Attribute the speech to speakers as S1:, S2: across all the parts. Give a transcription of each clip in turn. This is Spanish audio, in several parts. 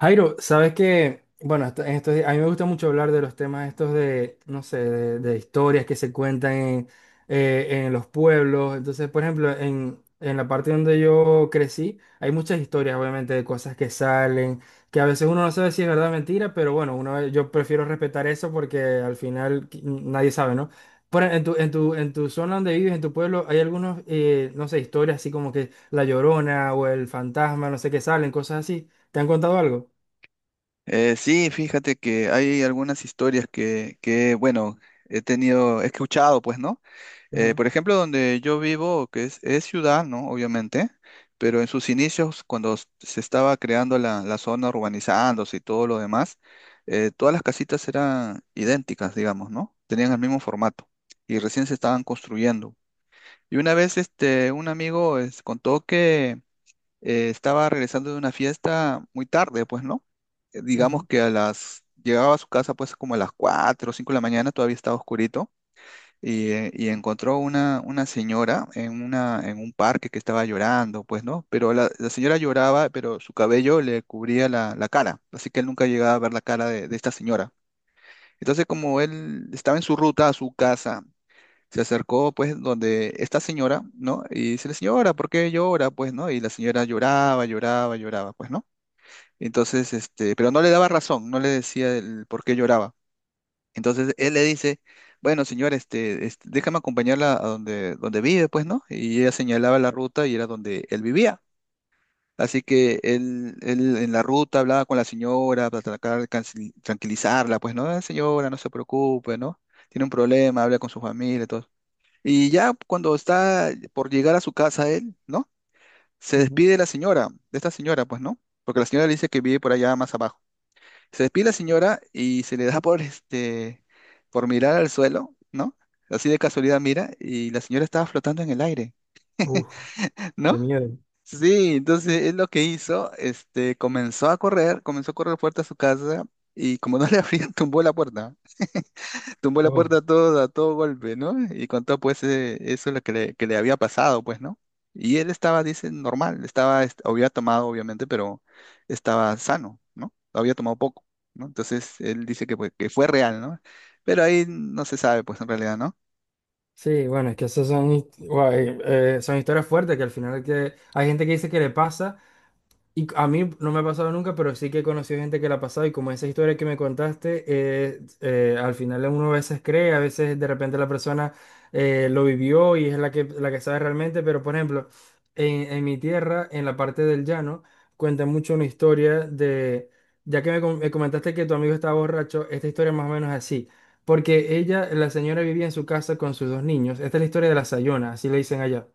S1: Jairo, sabes que, bueno, en estos días, a mí me gusta mucho hablar de los temas estos de, no sé, de historias que se cuentan en los pueblos. Entonces, por ejemplo, en la parte donde yo crecí, hay muchas historias, obviamente, de cosas que salen, que a veces uno no sabe si es verdad o mentira, pero bueno, yo prefiero respetar eso porque al final nadie sabe, ¿no? Por, e, en tu, en tu, en tu zona donde vives, en tu pueblo, hay algunos, no sé, historias así como que La Llorona o el fantasma, no sé qué salen, cosas así. ¿Te han contado algo?
S2: Sí, fíjate que hay algunas historias que, bueno, he escuchado, pues, ¿no?
S1: Ujú.
S2: Por ejemplo, donde yo vivo, que es ciudad, ¿no? Obviamente, pero en sus inicios, cuando se estaba creando la zona, urbanizándose y todo lo demás, todas las casitas eran idénticas, digamos, ¿no? Tenían el mismo formato y recién se estaban construyendo. Y una vez, un amigo, contó que estaba regresando de una fiesta muy tarde, pues, ¿no? Digamos
S1: Ujú.
S2: que llegaba a su casa pues como a las 4 o 5 de la mañana, todavía estaba oscurito, y encontró una señora en un parque que estaba llorando, pues, ¿no? Pero la señora lloraba, pero su cabello le cubría la cara, así que él nunca llegaba a ver la cara de esta señora. Entonces, como él estaba en su ruta a su casa se acercó, pues, donde esta señora, ¿no? Y dice, señora, ¿por qué llora? Pues, ¿no? Y la señora lloraba, lloraba, lloraba, pues, ¿no? Entonces, pero no le daba razón, no le decía el por qué lloraba. Entonces, él le dice, bueno, señora, déjame acompañarla a donde vive, pues, ¿no? Y ella señalaba la ruta y era donde él vivía. Así que él en la ruta hablaba con la señora para tratar de tranquilizarla, pues, ¿no? "Ah, señora, no se preocupe, ¿no? Tiene un problema, habla con su familia, todo. Y ya cuando está por llegar a su casa él, ¿no? Se
S1: Ujú.
S2: despide de la señora, de esta señora, pues, ¿no? Porque la señora le dice que vive por allá más abajo. Se despide la señora y se le da por mirar al suelo, ¿no? Así de casualidad mira y la señora estaba flotando en el aire,
S1: Uf,
S2: ¿no?
S1: qué miedo.
S2: Sí, entonces es lo que hizo, comenzó a correr fuerte a su casa y como no le abrían, tumbó la puerta. Tumbó la
S1: Oh.
S2: puerta a todo golpe, ¿no? Y contó pues eso lo que le había pasado, pues, ¿no? Y él estaba, dice, normal, había tomado, obviamente, pero estaba sano, ¿no? Había tomado poco, ¿no? Entonces él dice que, pues, que fue real, ¿no? Pero ahí no se sabe, pues, en realidad, ¿no?
S1: Sí, bueno, es que esas son, guay, son historias fuertes que al final que hay gente que dice que le pasa. Y a mí no me ha pasado nunca, pero sí que he conocido gente que la ha pasado y como esa historia que me contaste, al final uno a veces cree, a veces de repente la persona lo vivió y es la que sabe realmente, pero por ejemplo, en mi tierra, en la parte del llano, cuenta mucho una historia de, ya que me comentaste que tu amigo estaba borracho, esta historia más o menos así, porque ella, la señora vivía en su casa con sus dos niños, esta es la historia de la Sayona, así le dicen allá.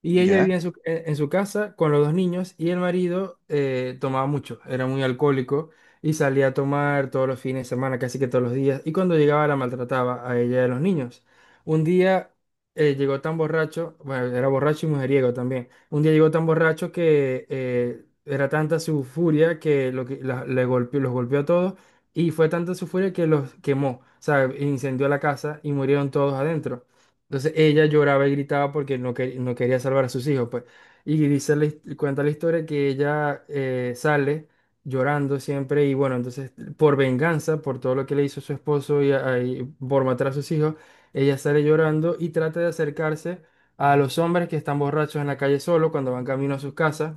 S1: Y ella
S2: Ya.
S1: vivía en su, en su casa con los dos niños y el marido tomaba mucho, era muy alcohólico y salía a tomar todos los fines de semana, casi que todos los días. Y cuando llegaba la maltrataba a ella y a los niños. Un día llegó tan borracho, bueno, era borracho y mujeriego también. Un día llegó tan borracho que era tanta su furia que, lo que le golpeó, los golpeó a todos y fue tanta su furia que los quemó, o sea, incendió la casa y murieron todos adentro. Entonces ella lloraba y gritaba porque no quería salvar a sus hijos, pues. Y dice cuenta la historia que ella sale llorando siempre y bueno, entonces por venganza, por todo lo que le hizo su esposo y por matar a sus hijos, ella sale llorando y trata de acercarse a los hombres que están borrachos en la calle solo cuando van camino a sus casas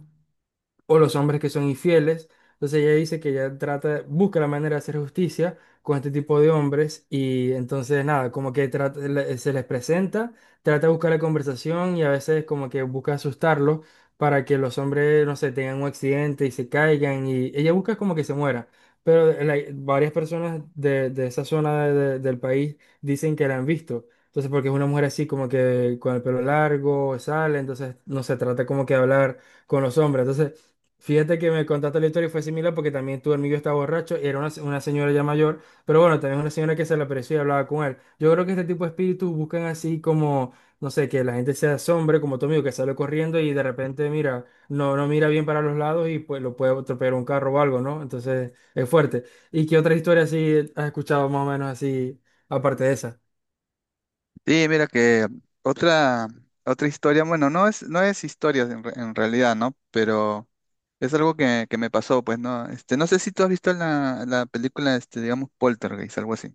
S1: o los hombres que son infieles. Entonces ella dice que ella trata, busca la manera de hacer justicia con este tipo de hombres y entonces nada, como que se les presenta, trata de buscar la conversación y a veces como que busca asustarlos para que los hombres, no sé, tengan un accidente y se caigan y ella busca como que se muera. Pero varias personas de, esa zona del país dicen que la han visto. Entonces, porque es una mujer así como que con el pelo largo, sale, entonces no se trata como que de hablar con los hombres. Entonces, fíjate que me contaste la historia y fue similar porque también tu amigo estaba borracho y era una señora ya mayor, pero bueno, también una señora que se le apareció y hablaba con él. Yo creo que este tipo de espíritus buscan así como, no sé, que la gente se asombre, como tu amigo que sale corriendo y de repente mira, no mira bien para los lados y pues lo puede atropellar un carro o algo, ¿no? Entonces es fuerte. ¿Y qué otra historia así has escuchado más o menos así, aparte de esa?
S2: Sí, mira que otra, otra historia, bueno, no es historia en realidad, ¿no? Pero es algo que me pasó, pues, ¿no? No sé si tú has visto la película, digamos, Poltergeist, algo así.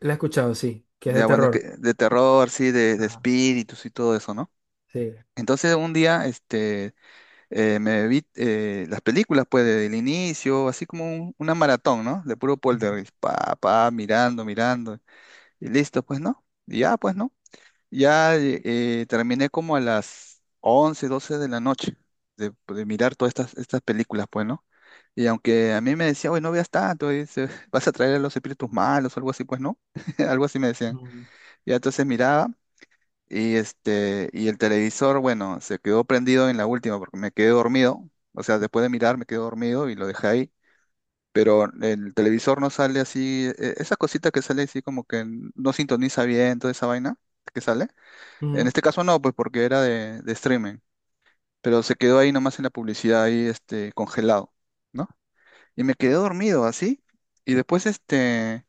S1: La he escuchado, sí, que es de
S2: Ya, bueno, es que
S1: terror.
S2: de terror, sí, de
S1: Ah,
S2: espíritus y todo eso, ¿no?
S1: sí.
S2: Entonces un día, me vi las películas, pues, desde el inicio, así como una maratón, ¿no? De puro
S1: Ujú.
S2: poltergeist, mirando, mirando, y listo, pues, ¿no? Y ya, pues, ¿no? Ya terminé como a las 11 12 de la noche de mirar todas estas películas, pues, ¿no? Y aunque a mí me decían, oye, no veas tanto, dice, vas a traer a los espíritus malos o algo así, pues, ¿no? Algo así me decían.
S1: Ujú.
S2: Y entonces miraba. Y el televisor, bueno, se quedó prendido en la última porque me quedé dormido. O sea, después de mirar me quedé dormido y lo dejé ahí. Pero el televisor no sale así, esa cosita que sale así como que no sintoniza bien toda esa vaina que sale. En
S1: Ujú.
S2: este caso no, pues porque era de streaming. Pero se quedó ahí nomás en la publicidad, ahí congelado, ¿no? Y me quedé dormido así. Y después este.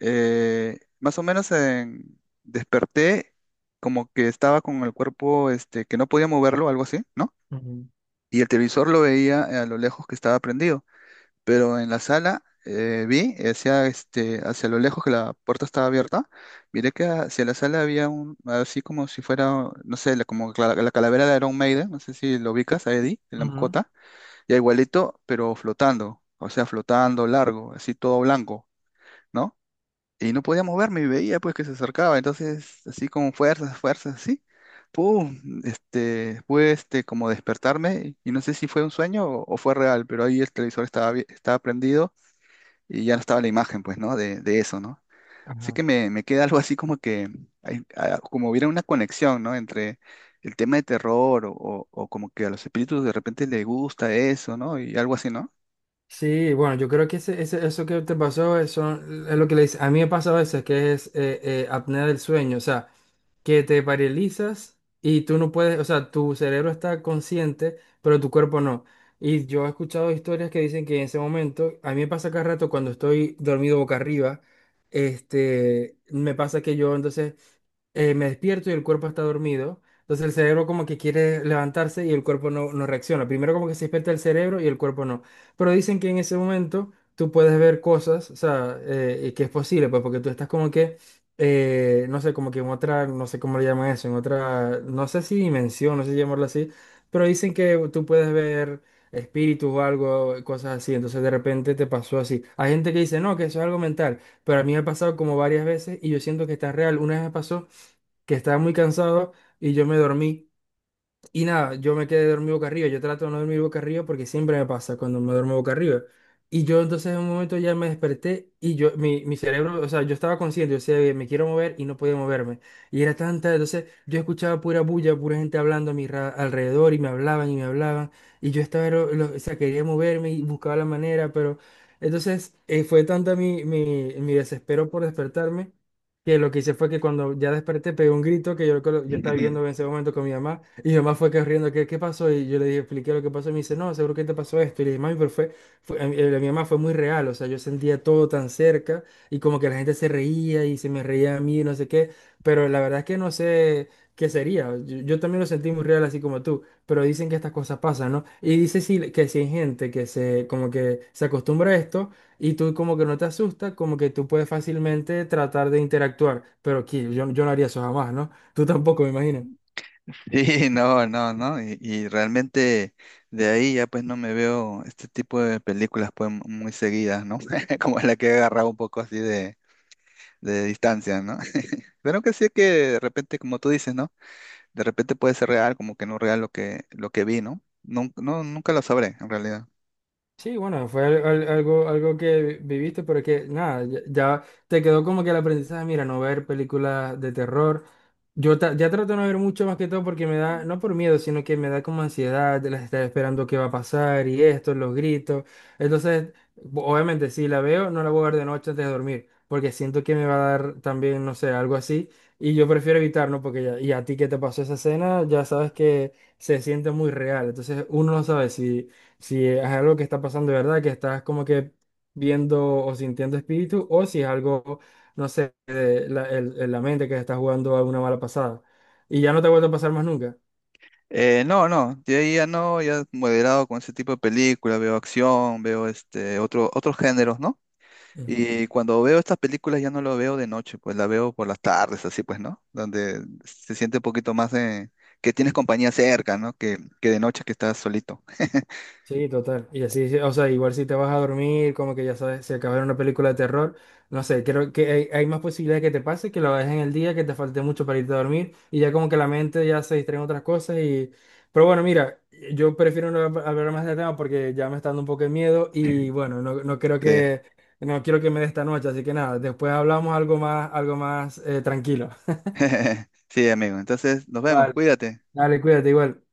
S2: Eh, más o menos desperté como que estaba con el cuerpo que no podía moverlo, algo así, ¿no?
S1: Ujú.
S2: Y el televisor lo veía a lo lejos que estaba prendido, pero en la sala vi hacia lo lejos que la puerta estaba abierta, miré que hacia la sala había un, así como si fuera, no sé, como la calavera de Iron Maiden, no sé si lo ubicas a Eddie, de la mascota, ya igualito, pero flotando, o sea, flotando largo, así todo blanco. ¿No? Y no podía moverme y veía pues que se acercaba, entonces así con fuerzas, fuerzas, así, pum, pude como despertarme y no sé si fue un sueño o fue real, pero ahí el televisor estaba, estaba prendido y ya no estaba la imagen pues, ¿no? De eso, ¿no? Así
S1: Ajá.
S2: que me queda algo así como que, como hubiera una conexión, ¿no? Entre el tema de terror o como que a los espíritus de repente les gusta eso, ¿no? Y algo así, ¿no?
S1: Sí, bueno, yo creo que ese, eso que te pasó eso, es lo que le dice. A mí me pasa a veces que es apnea del sueño, o sea, que te paralizas y tú no puedes, o sea, tu cerebro está consciente, pero tu cuerpo no. Y yo he escuchado historias que dicen que en ese momento, a mí me pasa cada rato cuando estoy dormido boca arriba, me pasa que yo entonces me despierto y el cuerpo está dormido. Entonces el cerebro como que quiere levantarse y el cuerpo no reacciona. Primero como que se despierta el cerebro y el cuerpo no. Pero dicen que en ese momento tú puedes ver cosas, o sea, y que es posible, pues porque tú estás como que, no sé, como que en otra, no sé cómo le llaman eso, en otra, no sé si dimensión, no sé si llamarlo así, pero dicen que tú puedes ver espíritus o algo, cosas así. Entonces de repente te pasó así. Hay gente que dice, no, que eso es algo mental, pero a mí me ha pasado como varias veces y yo siento que está real. Una vez me pasó que estaba muy cansado y yo me dormí. Y nada, yo me quedé dormido boca arriba. Yo trato de no dormir boca arriba porque siempre me pasa cuando me duermo boca arriba. Y yo entonces en un momento ya me desperté y mi cerebro, o sea, yo estaba consciente, yo decía, me quiero mover y no podía moverme. Y era tanta, entonces yo escuchaba pura bulla, pura gente hablando a mi alrededor y me hablaban y me hablaban. Y yo estaba, o sea, quería moverme y buscaba la manera, pero entonces fue tanta mi desespero por despertarme que lo que hice fue que cuando ya desperté pegué un grito que yo estaba viendo en ese momento con mi mamá y mi mamá fue corriendo, ¿qué, qué pasó? Y yo le dije, expliqué lo que pasó y me dice, no, seguro que te pasó esto. Y le dije, mami, pero mi mamá fue muy real, o sea, yo sentía todo tan cerca y como que la gente se reía y se me reía a mí, no sé qué, pero la verdad es que no sé qué sería. Yo también lo sentí muy real así como tú, pero dicen que estas cosas pasan, ¿no? Y dice sí, que si hay gente que se, como que se acostumbra a esto. Y tú como que no te asusta, como que tú puedes fácilmente tratar de interactuar, pero aquí yo no haría eso jamás, ¿no? Tú tampoco, me imagino.
S2: Sí, no, no, no, y realmente de ahí ya pues no me veo este tipo de películas pues muy seguidas, ¿no? Como la que he agarrado un poco así de distancia, ¿no? Pero que sí que de repente, como tú dices, ¿no? De repente puede ser real, como que no real lo que vi, ¿no? Nunca lo sabré, en realidad.
S1: Sí, bueno, fue algo que viviste, pero que nada, ya te quedó como que el aprendizaje, mira, no ver películas de terror. Yo ya trato de no ver mucho más que todo porque me da, no por miedo, sino que me da como ansiedad de las estar esperando qué va a pasar y esto, los gritos. Entonces, obviamente, si la veo, no la voy a ver de noche antes de dormir, porque siento que me va a dar también, no sé, algo así. Y yo prefiero evitar, ¿no? Porque ya, y a ti que te pasó esa escena, ya sabes que se siente muy real. Entonces, uno no sabe si es algo que está pasando de verdad, que estás como que viendo o sintiendo espíritu, o si es algo no sé, la mente que está jugando a una mala pasada. Y ya no te vuelve a pasar más nunca.
S2: No, no, de ahí ya no, ya moderado con ese tipo de películas, veo acción, veo otros géneros, ¿no?
S1: Ujú.
S2: Y cuando veo estas películas ya no lo veo de noche, pues la veo por las tardes, así pues, ¿no? Donde se siente un poquito más de que tienes compañía cerca, ¿no? Que de noche que estás solito.
S1: Sí, total. Y así, sí, o sea, igual si te vas a dormir, como que ya sabes, si acabas de ver una película de terror, no sé, creo que hay más posibilidades que te pase que lo dejes en el día, que te falte mucho para irte a dormir y ya como que la mente ya se distrae en otras cosas y... Pero bueno, mira, yo prefiero no hablar más del tema porque ya me está dando un poco de miedo y bueno, no creo
S2: Sí.
S1: que, no quiero que me dé esta noche, así que nada, después hablamos algo más tranquilo.
S2: Sí, amigo. Entonces, nos vemos.
S1: Vale.
S2: Cuídate.
S1: Dale, cuídate igual.